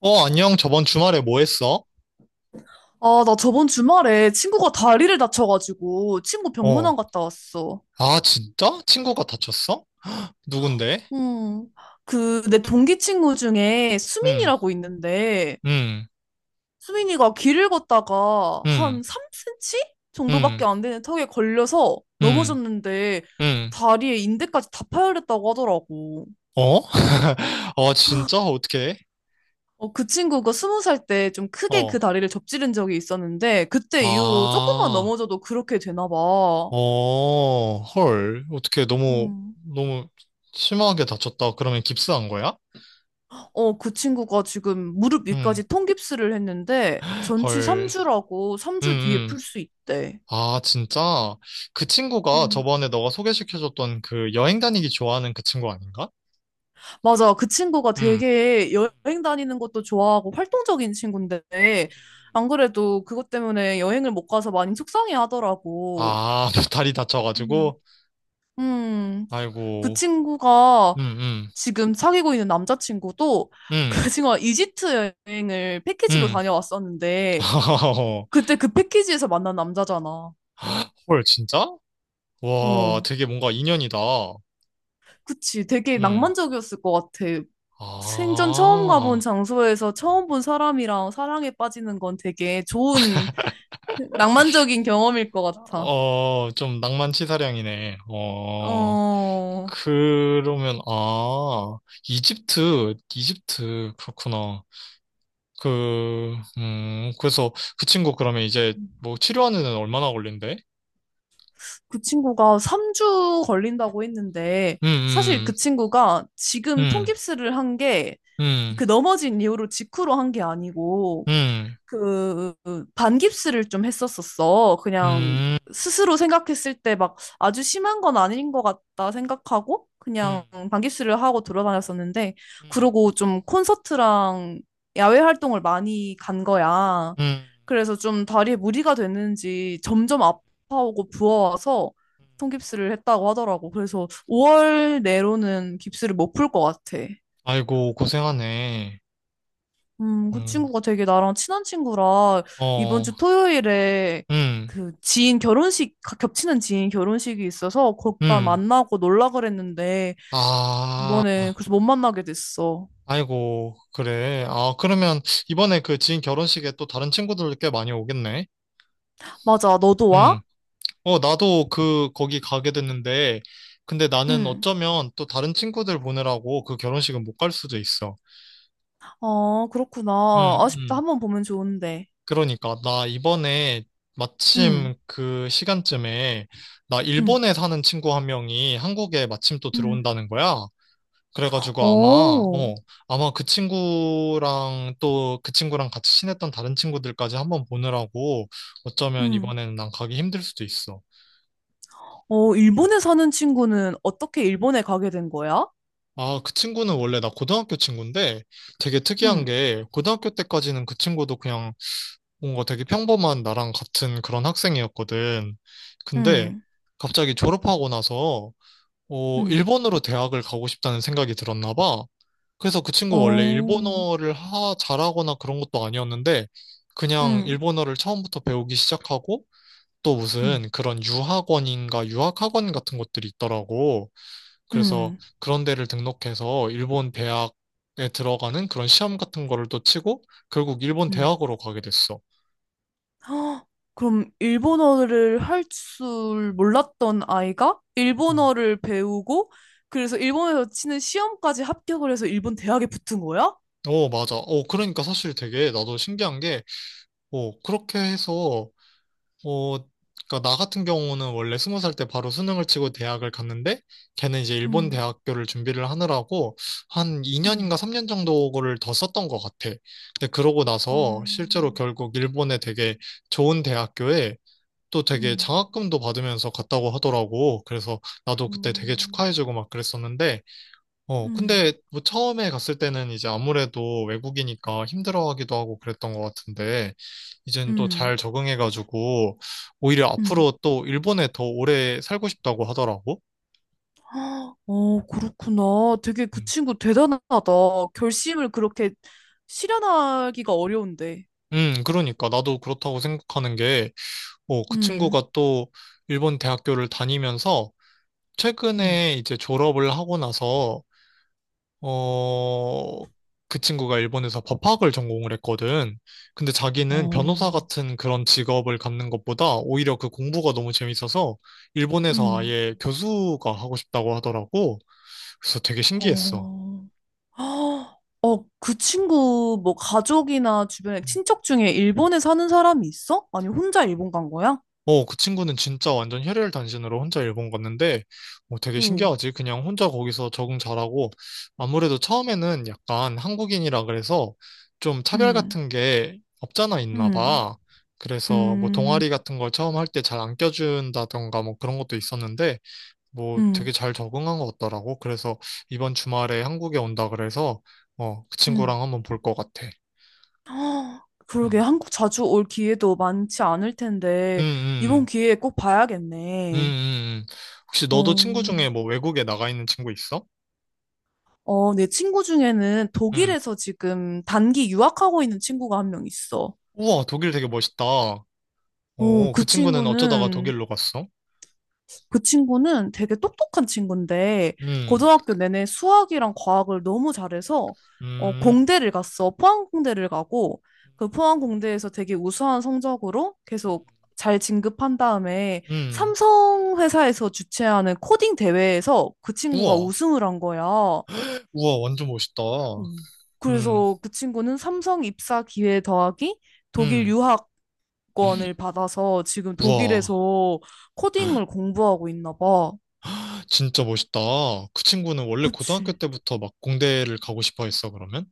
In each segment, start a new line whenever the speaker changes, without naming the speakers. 어, 안녕. 저번 주말에 뭐 했어?
아, 나 저번 주말에 친구가 다리를 다쳐가지고 친구 병문안
어.
갔다 왔어.
아, 진짜? 친구가 다쳤어? 누군데?
음, 그, 내 동기 친구 중에
응,
수민이라고 있는데,
응,
수민이가 길을 걷다가
응,
한 3cm
응,
정도밖에 안 되는 턱에 걸려서
응,
넘어졌는데,
응.
다리에 인대까지 다 파열했다고 하더라고.
어? 어, 진짜? 어떻게?
어, 그 친구가 20살 때 좀 크게
어.
그 다리를 접지른 적이 있었는데, 그때 이후로 조금만
아,
넘어져도 그렇게 되나 봐.
어, 헐. 어떻게 너무, 너무 심하게 다쳤다. 그러면 깁스한 거야?
어, 그 친구가 지금 무릎
응,
위까지 통깁스를 했는데 전치
헐.
3주라고
응,
3주 뒤에
응.
풀 수 있대.
아, 진짜? 그 친구가
음.
저번에 너가 소개시켜줬던 그 여행 다니기 좋아하는 그 친구 아닌가?
맞아. 그 친구가
응.
되게 여행 다니는 것도 좋아하고 활동적인 친구인데 안 그래도 그것 때문에 여행을 못 가서 많이 속상해 하더라고.
아, 다리
음.
다쳐가지고.
음, 그
아이고.
친구가
음, 음,
지금 사귀고 있는 남자친구도
음,
그 친구가 이집트 여행을 패키지로
음.
다녀왔었는데 그때 그 패키지에서 만난 남자잖아.
헐, 진짜? 와,
어.
되게 뭔가 인연이다.
그치, 되게
음.
낭만적이었을 것 같아. 생전 처음 가본
아,
장소에서 처음 본 사람이랑 사랑에 빠지는 건 되게 좋은 낭만적인 경험일 것 같아.
어, 좀 낭만치사량이네. 어,
어,
그러면, 아, 이집트, 그렇구나. 그, 그래서 그 친구 그러면 이제 뭐 치료하는 데는 얼마나 걸린대?
그 친구가 3주 걸린다고 했는데,
음,
사실
음,
그 친구가 지금
음,
통깁스를 한 게,
음,
그 넘어진 이후로 직후로 한 게 아니고,
음.
그 반깁스를 좀 했었었어. 그냥
음,
스스로 생각했을 때 막 아주 심한 건 아닌 것 같다 생각하고 그냥
음,
반깁스를 하고 돌아다녔었는데
음,
그러고 좀 콘서트랑 야외 활동을 많이 간 거야.
음, 음.
그래서 좀 다리에 무리가 됐는지 점점 아파오고 부어와서
음.
통깁스를 했다고 하더라고. 그래서 5월 내로는 깁스를 못 풀 것 같아.
아이고, 고생하네.
그
음,
친구가 되게 나랑 친한 친구라 이번
어,
주 토요일에
음,
그 지인 결혼식, 겹치는 지인 결혼식이 있어서 거기다
음.
만나고 놀라 그랬는데
아,
이번에 그래서 못 만나게 됐어.
아이고, 그래. 아, 그러면 이번에 그 지인 결혼식에 또 다른 친구들 꽤 많이 오겠네.
맞아, 너도
음.
와?
어, 나도 그, 거기 가게 됐는데, 근데 나는
응.
어쩌면 또 다른 친구들 보느라고 그 결혼식은 못 갈 수도 있어.
아, 그렇구나.
음,
아쉽다.
음.
한번 보면 좋은데.
그러니까 나 이번에
응,
마침 그 시간쯤에 나
응,
일본에 사는 친구 한 명이 한국에 마침 또
응.
들어온다는 거야. 그래가지고 아마
오.
어 아마 그 친구랑 또 그 친구랑 같이 친했던 다른 친구들까지 한번 보느라고 어쩌면
응.
이번에는 난 가기 힘들 수도 있어.
어, 일본에 사는 친구는 어떻게 일본에 가게 된 거야?
아, 그 친구는 원래 나 고등학교 친구인데 되게 특이한
응,
게 고등학교 때까지는 그 친구도 그냥 뭔가 되게 평범한 나랑 같은 그런 학생이었거든. 근데
응,
갑자기 졸업하고 나서 어,
응.
일본으로 대학을 가고 싶다는 생각이 들었나 봐. 그래서 그 친구 원래
어,
일본어를 잘하거나 그런 것도 아니었는데 그냥
응,
일본어를 처음부터 배우기 시작하고 또
응,
무슨 그런 유학원인가 유학학원 같은 것들이 있더라고. 그래서
응.
그런 데를 등록해서 일본 대학에 들어가는 그런 시험 같은 거를 또 치고 결국 일본
음.
대학으로 가게 됐어.
헉, 그럼 일본어를 할 줄 몰랐던 아이가
음.
일본어를 배우고 그래서 일본에서 치는 시험까지 합격을 해서 일본 대학에 붙은 거야?
어, 맞아. 어, 그러니까 사실 되게 나도 신기한 게, 어, 그렇게 해서, 어, 그니까 나 같은 경우는 원래 20살 때 바로 수능을 치고 대학을 갔는데, 걔는 이제 일본
음,
대학교를 준비를 하느라고 한 2년인가
음,
3년 정도를 더 썼던 것 같아. 근데 그러고
어,
나서 실제로 결국 일본의 되게 좋은 대학교에 또 되게
음,
장학금도 받으면서 갔다고 하더라고. 그래서 나도 그때 되게
음,
축하해주고 막 그랬었는데, 어,
음,
근데 뭐 처음에 갔을 때는 이제 아무래도 외국이니까 힘들어하기도 하고 그랬던 것 같은데, 이젠 또
음.
잘 적응해가지고, 오히려
음.
앞으로 또 일본에 더 오래 살고 싶다고 하더라고.
헉, 어, 그렇구나. 되게 그
음.
친구 대단하다. 결심을 그렇게 실현하기가 어려운데.
그러니까 나도 그렇다고 생각하는 게, 어, 그
음,
친구가 또 일본 대학교를 다니면서
음,
최근에 이제 졸업을 하고 나서 어, 그 친구가 일본에서 법학을 전공을 했거든. 근데 자기는 변호사
어,
같은 그런 직업을 갖는 것보다 오히려 그 공부가 너무 재밌어서 일본에서
음,
아예 교수가 하고 싶다고 하더라고. 그래서 되게 신기했어.
어. 헉, 어, 그 친구 뭐 가족이나 주변에
음.
친척 중에 일본에 사는 사람이 있어? 아니 혼자 일본 간 거야?
어, 그 친구는 진짜 완전 혈혈단신으로 혼자 일본 갔는데, 어, 되게
응.
신기하지? 그냥 혼자 거기서 적응 잘하고, 아무래도 처음에는 약간 한국인이라 그래서 좀 차별
음,
같은 게 없잖아 있나
음,
봐. 그래서 뭐
음,
동아리 같은 걸 처음 할 때 잘 안 껴준다던가 뭐 그런 것도 있었는데, 뭐 되게
음,
잘 적응한 것 같더라고. 그래서 이번 주말에 한국에 온다 그래서, 어, 그 친구랑
음.
한번 볼 것 같아.
헉, 그러게
음,
한국 자주 올 기회도 많지 않을 텐데
음.
이번 기회에 꼭
음,
봐야겠네.
음, 음. 혹시 너도 친구
어,
중에 뭐 외국에 나가 있는 친구 있어?
어, 내 친구 중에는
음.
독일에서 지금 단기 유학하고 있는 친구가 한 명 있어.
우와, 독일 되게 멋있다. 오,
어, 그
그 친구는 어쩌다가
친구는
독일로 갔어?
그 친구는 되게 똑똑한 친구인데
음,
고등학교 내내 수학이랑 과학을 너무 잘해서 어,
음,
공대를 갔어. 포항공대를 가고 그 포항공대에서 되게 우수한 성적으로
음,
계속 잘 진급한 다음에
음.
삼성 회사에서 주최하는 코딩 대회에서 그 친구가
우와,
우승을 한 거야.
우와, 완전 멋있다.
음.
음,
그래서 그 친구는 삼성 입사 기회 더하기 독일
음.
유학권을 받아서 지금
우와,
독일에서 코딩을 공부하고 있나 봐.
진짜 멋있다. 그 친구는 원래 고등학교
그치.
때부터 막 공대를 가고 싶어 했어, 그러면?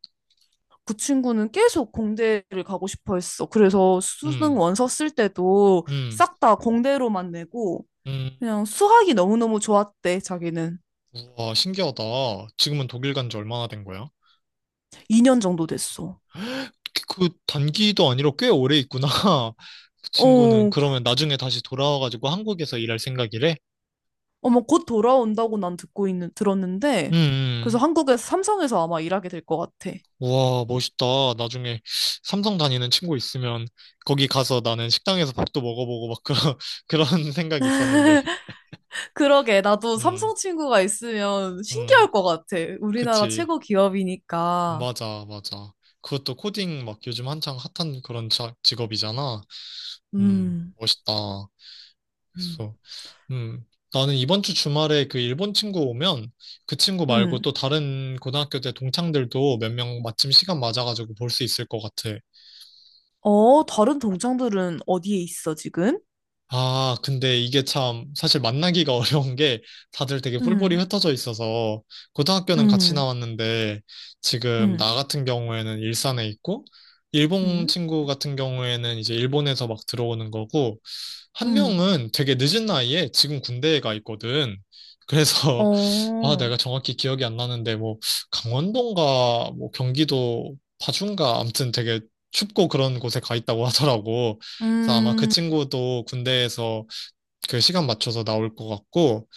그 친구는 계속 공대를 가고 싶어 했어. 그래서
음,
수능 원서 쓸 때도
음,
싹 다 공대로만 내고
음.
그냥 수학이 너무너무 좋았대, 자기는.
우와, 신기하다. 지금은 독일 간지 얼마나 된 거야?
2년 정도 됐어.
그 단기도 아니라 꽤 오래 있구나. 그 친구는
어,
그러면 나중에 다시 돌아와가지고 한국에서 일할 생각이래?
어머, 곧 돌아온다고
음,
들었는데, 그래서
음.
한국에서 삼성에서 아마 일하게 될 것 같아.
우와, 멋있다. 나중에 삼성 다니는 친구 있으면 거기 가서 나는 식당에서 밥도 먹어보고 막 그런, 그런 생각이 있었는데.
그러게, 나도
음,
삼성 친구가 있으면
음,
신기할 것 같아. 우리나라
그치.
최고 기업이니까.
맞아, 맞아. 그것도 코딩 막 요즘 한창 핫한 그런 직업이잖아.
음,
멋있다.
음.
그래서 음 나는 이번 주 주말에 그 일본 친구 오면 그 친구 말고
음.
또 다른 고등학교 때 동창들도 몇 명 마침 시간 맞아가지고 볼 수 있을 것 같아.
어, 다른 동창들은 어디에 있어, 지금?
아, 근데 이게 참 사실 만나기가 어려운 게 다들 되게 뿔뿔이
음,
흩어져 있어서 고등학교는 같이
음,
나왔는데 지금
음,
나 같은 경우에는 일산에 있고 일본
음,
친구 같은 경우에는 이제 일본에서 막 들어오는 거고 한
음,
명은 되게 늦은 나이에 지금 군대에 가 있거든. 그래서 아
어,
내가 정확히 기억이 안 나는데 뭐 강원도인가 뭐 경기도 파주인가 아무튼 되게 춥고 그런 곳에 가 있다고 하더라고. 그래서 아마 그
음,
친구도 군대에서 그 시간 맞춰서 나올 것 같고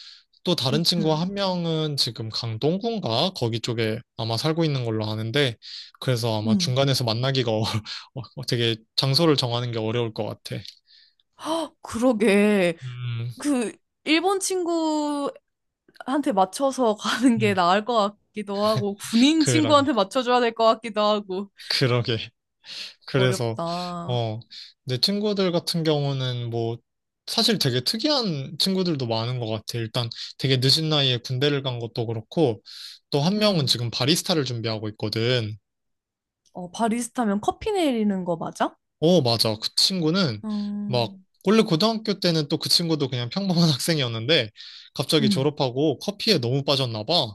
또
음,
다른 친구
음.
한 명은 지금 강동구인가 거기 쪽에 아마 살고 있는 걸로 아는데 그래서 아마
음.
중간에서 만나기가 어, 되게 장소를 정하는 게 어려울 것 같아.
그러게.
음,
그, 일본 친구한테 맞춰서 가는 게
음.
나을 것 같기도 하고, 군인
그러게,
친구한테 맞춰줘야 될 것 같기도 하고.
그러게. 그래서,
어렵다.
어, 내 친구들 같은 경우는 뭐, 사실 되게 특이한 친구들도 많은 것 같아. 일단 되게 늦은 나이에 군대를 간 것도 그렇고, 또 한 명은
음.
지금 바리스타를 준비하고 있거든.
어, 바리스타면 커피 내리는 거 맞아?
어, 맞아. 그 친구는 막,
음,
원래 고등학교 때는 또 그 친구도 그냥 평범한 학생이었는데, 갑자기
음,
졸업하고 커피에 너무 빠졌나 봐.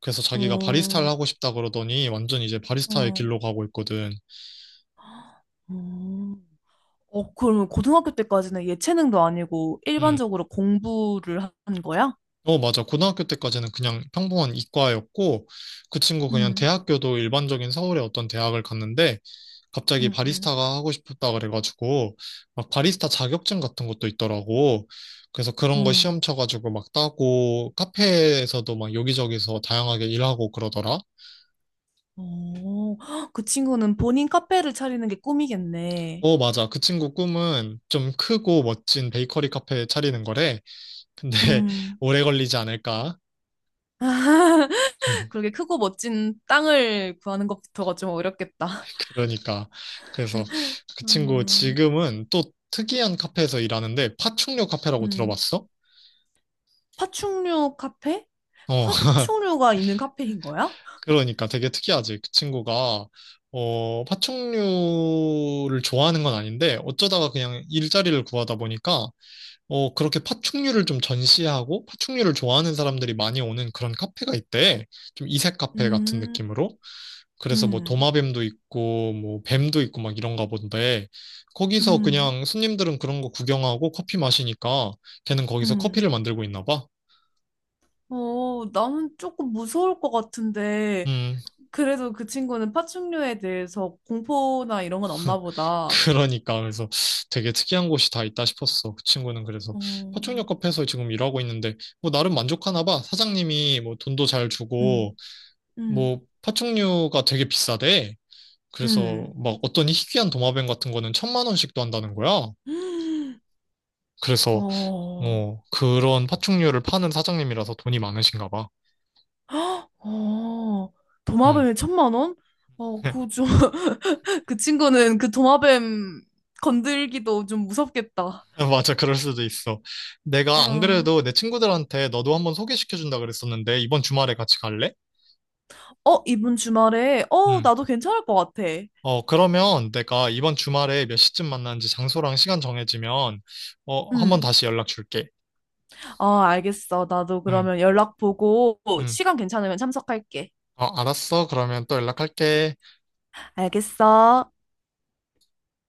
그래서 자기가 바리스타를
어,
하고 싶다 그러더니 완전 이제 바리스타의
어,
길로 가고 있거든.
음. 어, 그러면 고등학교 때까지는 예체능도 아니고
음.
일반적으로 공부를 한 거야?
어, 맞아. 고등학교 때까지는 그냥 평범한 이과였고, 그 친구 그냥
음,
대학교도 일반적인 서울의 어떤 대학을 갔는데, 갑자기
음, 음,
바리스타가 하고 싶었다 그래가지고, 막 바리스타 자격증 같은 것도 있더라고. 그래서 그런 거
음.
시험 쳐가지고 막 따고, 카페에서도 막 여기저기서 다양하게 일하고 그러더라.
어, 헉, 그 친구는 본인 카페를 차리는 게 꿈이겠네.
어, 맞아. 그 친구 꿈은 좀 크고 멋진 베이커리 카페 차리는 거래. 근데
음.
오래 걸리지 않을까?
그렇게 크고 멋진 땅을 구하는 것부터가 좀 어렵겠다.
그러니까 그래서 그 친구
음,
지금은 또 특이한 카페에서 일하는데 파충류 카페라고
음.
들어봤어?
파충류 카페?
어
파충류가 있는 카페인 거야?
그러니까 되게 특이하지 그 친구가 어 파충류를 좋아하는 건 아닌데 어쩌다가 그냥 일자리를 구하다 보니까 어 그렇게 파충류를 좀 전시하고 파충류를 좋아하는 사람들이 많이 오는 그런 카페가 있대 좀 이색 카페 같은
음,
느낌으로 그래서 뭐
음,
도마뱀도 있고 뭐 뱀도 있고 막 이런가 본데 거기서
음,
그냥 손님들은 그런 거 구경하고 커피 마시니까 걔는 거기서
음.
커피를 만들고 있나 봐.
어, 나는 조금 무서울 것 같은데,
음,
그래도 그 친구는 파충류에 대해서 공포나 이런 건 없나 보다.
그러니까 그래서 되게 특이한 곳이 다 있다 싶었어. 그 친구는 그래서
어,
화촉역 카페에서 지금 일하고 있는데 뭐 나름 만족하나 봐. 사장님이 뭐 돈도 잘 주고
음, 음,
뭐 파충류가 되게 비싸대. 그래서
음.
막 어떤 희귀한 도마뱀 같은 거는 천만 원씩도 한다는 거야. 그래서
어,
어, 그런 파충류를 파는 사장님이라서 돈이 많으신가 봐.
어,
음.
도마뱀에 1,000만 원? 어, 그 좀, 그 친구는 그 도마뱀 건들기도 좀 무섭겠다.
맞아, 그럴 수도 있어. 내가 안
어,
그래도 내 친구들한테 너도 한번 소개시켜준다 그랬었는데, 이번 주말에 같이 갈래?
어, 이번 주말에, 어,
음.
나도 괜찮을 것 같아.
어, 그러면 내가 이번 주말에 몇 시쯤 만나는지 장소랑 시간 정해지면, 어, 한번
응.
다시 연락 줄게.
어, 알겠어. 나도
응.
그러면 연락 보고
응.
시간 괜찮으면 참석할게.
어, 알았어. 그러면 또 연락할게.
알겠어.